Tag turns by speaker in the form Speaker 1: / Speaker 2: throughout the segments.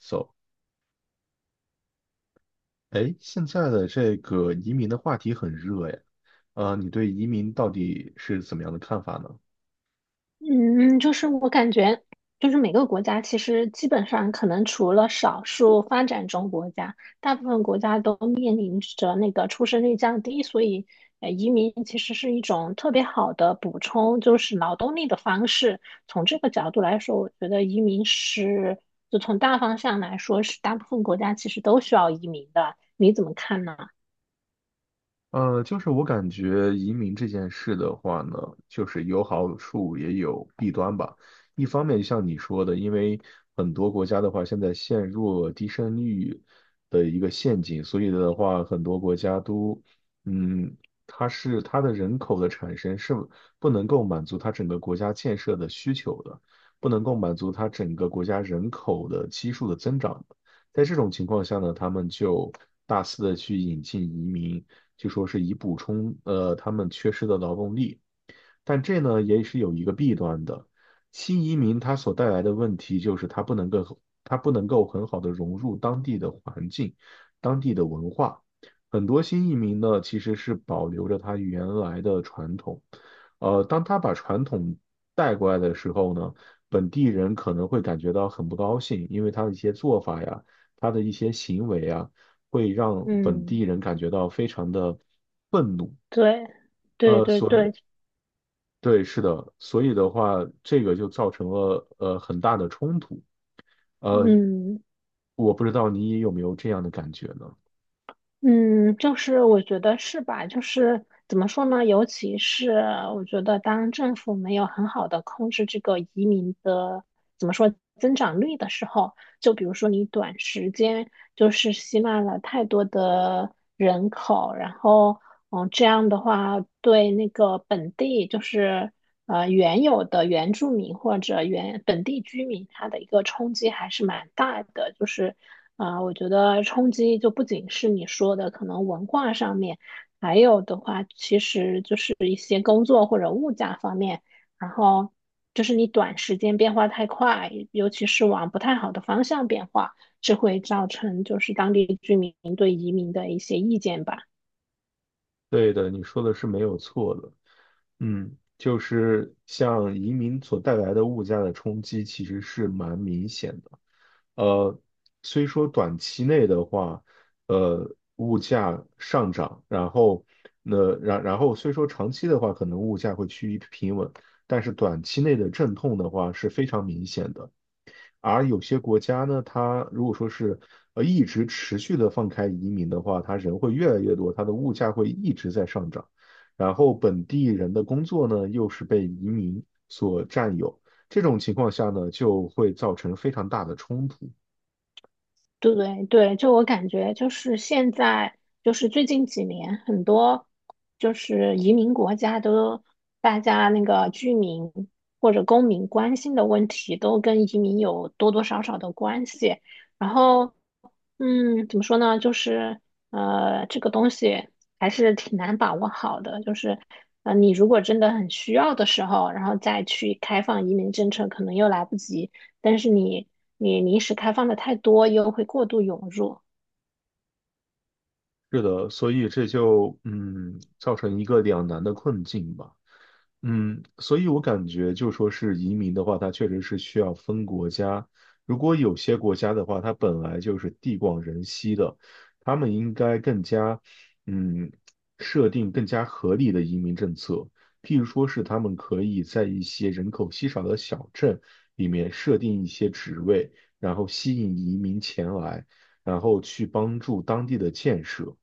Speaker 1: So，哎，现在的这个移民的话题很热呀，你对移民到底是怎么样的看法呢？
Speaker 2: 嗯，就是我感觉，就是每个国家其实基本上可能除了少数发展中国家，大部分国家都面临着那个出生率降低，所以移民其实是一种特别好的补充，就是劳动力的方式。从这个角度来说，我觉得移民是，就从大方向来说，是大部分国家其实都需要移民的。你怎么看呢？
Speaker 1: 就是我感觉移民这件事的话呢，就是有好处也有弊端吧。一方面，像你说的，因为很多国家的话，现在陷入了低生育的一个陷阱，所以的话，很多国家都，嗯，它是它的人口的产生是不能够满足它整个国家建设的需求的，不能够满足它整个国家人口的基数的增长的，在这种情况下呢，他们就大肆的去引进移民。就说是以补充他们缺失的劳动力。但这呢也是有一个弊端的，新移民他所带来的问题就是他不能够很好的融入当地的环境、当地的文化。很多新移民呢其实是保留着他原来的传统，当他把传统带过来的时候呢，本地人可能会感觉到很不高兴，因为他的一些做法呀，他的一些行为啊。会让本地
Speaker 2: 嗯，
Speaker 1: 人感觉到非常的愤怒。
Speaker 2: 对，对对对，
Speaker 1: 对，是的，所以的话，这个就造成了很大的冲突。呃，
Speaker 2: 嗯。
Speaker 1: 我不知道你有没有这样的感觉呢？
Speaker 2: 嗯，就是我觉得是吧？就是怎么说呢？尤其是我觉得，当政府没有很好的控制这个移民的怎么说增长率的时候，就比如说你短时间就是吸纳了太多的人口，然后嗯，这样的话对那个本地就是原有的原住民或者原本地居民他的一个冲击还是蛮大的，就是啊、我觉得冲击就不仅是你说的可能文化上面，还有的话其实就是一些工作或者物价方面，然后就是你短时间变化太快，尤其是往不太好的方向变化，这会造成就是当地居民对移民的一些意见吧。
Speaker 1: 对的，你说的是没有错的。嗯，就是像移民所带来的物价的冲击，其实是蛮明显的。呃，虽说短期内的话，物价上涨，然后虽说长期的话，可能物价会趋于平稳，但是短期内的阵痛的话是非常明显的。而有些国家呢，它如果说是一直持续的放开移民的话，它人会越来越多，它的物价会一直在上涨，然后本地人的工作呢又是被移民所占有，这种情况下呢就会造成非常大的冲突。
Speaker 2: 对对，就我感觉，就是现在，就是最近几年，很多就是移民国家都，大家那个居民或者公民关心的问题，都跟移民有多多少少的关系。然后，嗯，怎么说呢？就是这个东西还是挺难把握好的。就是你如果真的很需要的时候，然后再去开放移民政策，可能又来不及。但是你临时开放的太多，又会过度涌入。
Speaker 1: 是的，所以这就造成一个两难的困境吧。嗯，所以我感觉就说是移民的话，它确实是需要分国家。如果有些国家的话，它本来就是地广人稀的，他们应该更加，嗯，设定更加合理的移民政策。譬如说是他们可以在一些人口稀少的小镇里面设定一些职位，然后吸引移民前来，然后去帮助当地的建设。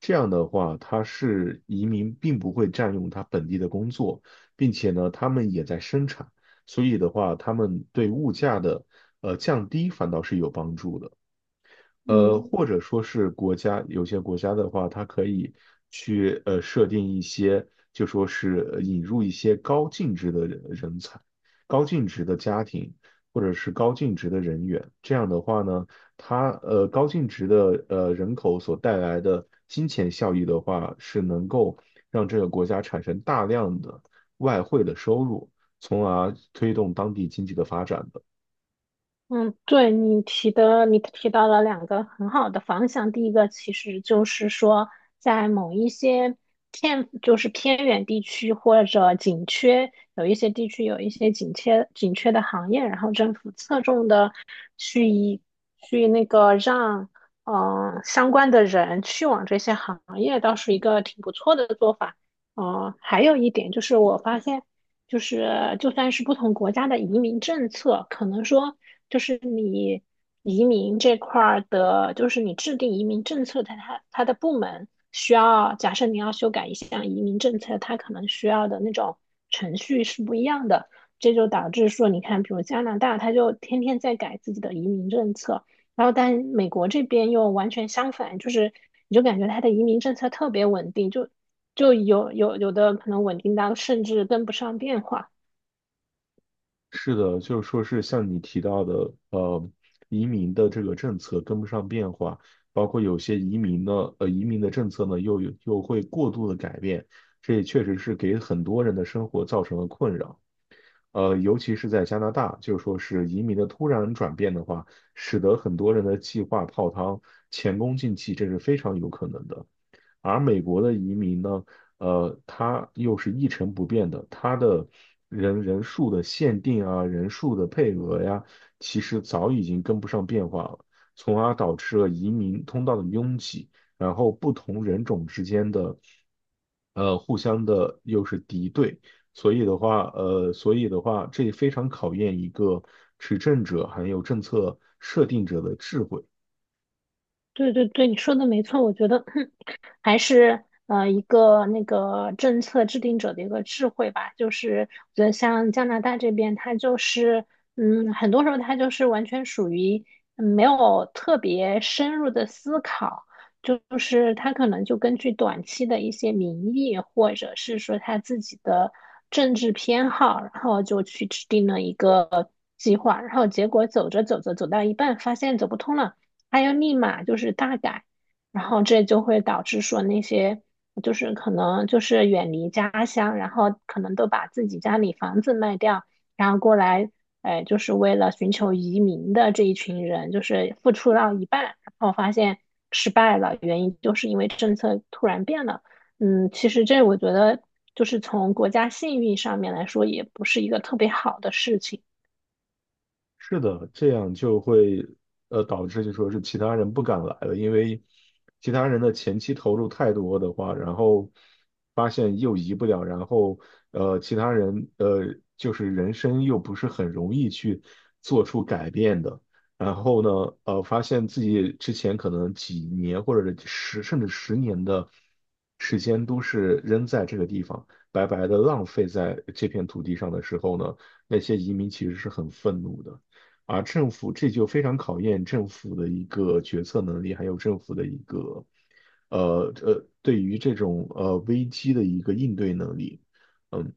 Speaker 1: 这样的话，它是移民并不会占用他本地的工作。并且呢，他们也在生产，所以的话，他们对物价的降低反倒是有帮助的。
Speaker 2: 嗯，
Speaker 1: 或者说是国家，有些国家的话，它可以去设定一些，就说是引入一些高净值的人才、高净值的家庭或者是高净值的人员。这样的话呢，它高净值的人口所带来的金钱效益的话，是能够让这个国家产生大量的外汇的收入，从而推动当地经济的发展的。
Speaker 2: 嗯，对你提的，你提到了两个很好的方向。第一个其实就是说，在某一些偏就是偏远地区或者紧缺，有一些地区有一些紧缺的行业，然后政府侧重的去以去那个让嗯、相关的人去往这些行业，倒是一个挺不错的做法。嗯、还有一点就是我发现。就是就算是不同国家的移民政策，可能说就是你移民这块儿的，就是你制定移民政策的它的部门需要，假设你要修改一项移民政策，它可能需要的那种程序是不一样的，这就导致说，你看，比如加拿大，它就天天在改自己的移民政策，然后但美国这边又完全相反，就是你就感觉它的移民政策特别稳定，就就有的可能稳定到甚至跟不上变化。
Speaker 1: 是的，就是说是像你提到的，移民的这个政策跟不上变化，包括有些移民呢，移民的政策呢又会过度的改变，这也确实是给很多人的生活造成了困扰。尤其是在加拿大，就是说是移民的突然转变的话，使得很多人的计划泡汤，前功尽弃，这是非常有可能的。而美国的移民呢，它又是一成不变的，它的人数的限定啊，人数的配额呀，其实早已经跟不上变化了，从而导致了移民通道的拥挤，然后不同人种之间的，互相的又是敌对，所以的话，这非常考验一个执政者还有政策设定者的智慧。
Speaker 2: 对对对，你说的没错，我觉得 还是一个那个政策制定者的一个智慧吧。就是我觉得像加拿大这边，它就是嗯，很多时候它就是完全属于嗯没有特别深入的思考，就是它可能就根据短期的一些民意，或者是说他自己的政治偏好，然后就去制定了一个计划，然后结果走着走着走到一半，发现走不通了。还要立马就是大改，然后这就会导致说那些就是可能就是远离家乡，然后可能都把自己家里房子卖掉，然后过来，就是为了寻求移民的这一群人，就是付出到一半，然后发现失败了，原因就是因为政策突然变了。嗯，其实这我觉得就是从国家信誉上面来说，也不是一个特别好的事情。
Speaker 1: 是的，这样就会导致就说是其他人不敢来了，因为其他人的前期投入太多的话，然后发现又移不了，然后其他人就是人生又不是很容易去做出改变的，然后呢发现自己之前可能几年或者十甚至十年的时间都是扔在这个地方，白白的浪费在这片土地上的时候呢，那些移民其实是很愤怒的。而政府这就非常考验政府的一个决策能力，还有政府的一个对于这种危机的一个应对能力。嗯。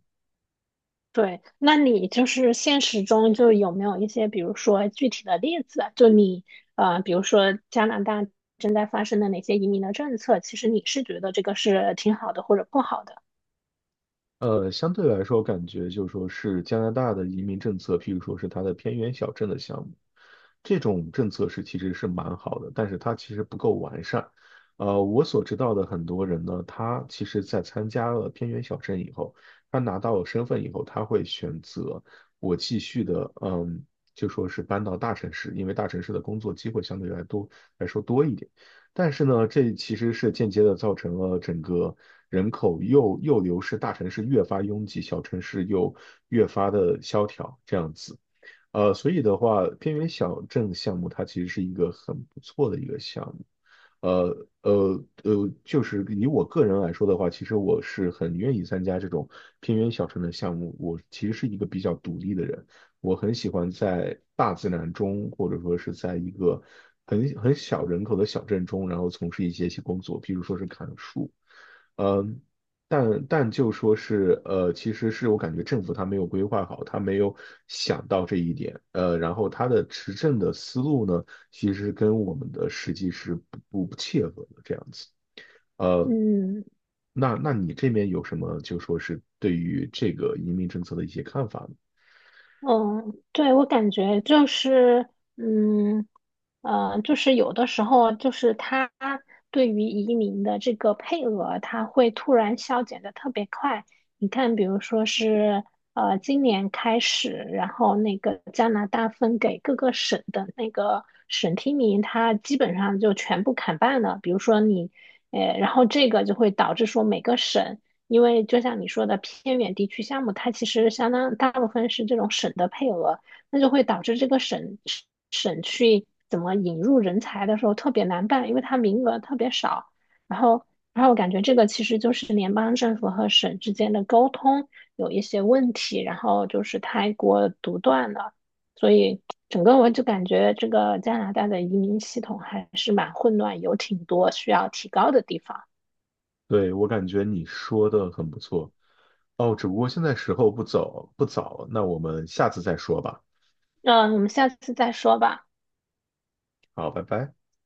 Speaker 2: 对，那你就是现实中就有没有一些，比如说具体的例子啊就你比如说加拿大正在发生的哪些移民的政策，其实你是觉得这个是挺好的或者不好的？
Speaker 1: 相对来说，感觉就是说是加拿大的移民政策，譬如说是它的偏远小镇的项目，这种政策是其实是蛮好的，但是它其实不够完善。我所知道的很多人呢，他其实在参加了偏远小镇以后，他拿到了身份以后，他会选择我继续的，就说是搬到大城市，因为大城市的工作机会相对来说多一点。但是呢，这其实是间接的造成了整个人口又流失，大城市越发拥挤，小城市又越发的萧条，这样子。所以的话，偏远小镇项目它其实是一个很不错的一个项目。就是以我个人来说的话，其实我是很愿意参加这种偏远小城的项目。我其实是一个比较独立的人，我很喜欢在大自然中，或者说是在一个很小人口的小镇中，然后从事一些工作，比如说是砍树。呃但就说是，其实是我感觉政府他没有规划好，他没有想到这一点，然后他的执政的思路呢，其实跟我们的实际是不切合的这样子，呃，
Speaker 2: 嗯。
Speaker 1: 那你这边有什么就说是对于这个移民政策的一些看法吗？
Speaker 2: 嗯，对，我感觉就是，嗯，就是有的时候，就是他对于移民的这个配额，他会突然削减的特别快。你看，比如说是今年开始，然后那个加拿大分给各个省的那个省提名，它基本上就全部砍半了。比如说你，然后这个就会导致说每个省。因为就像你说的，偏远地区项目，它其实相当大部分是这种省的配额，那就会导致这个省去怎么引入人才的时候特别难办，因为它名额特别少。然后，然后我感觉这个其实就是联邦政府和省之间的沟通有一些问题，然后就是太过独断了，所以整个我就感觉这个加拿大的移民系统还是蛮混乱，有挺多需要提高的地方。
Speaker 1: 对，我感觉你说的很不错，哦，只不过现在时候不早，那我们下次再说吧，
Speaker 2: 那我们下次再说吧。
Speaker 1: 好，拜拜。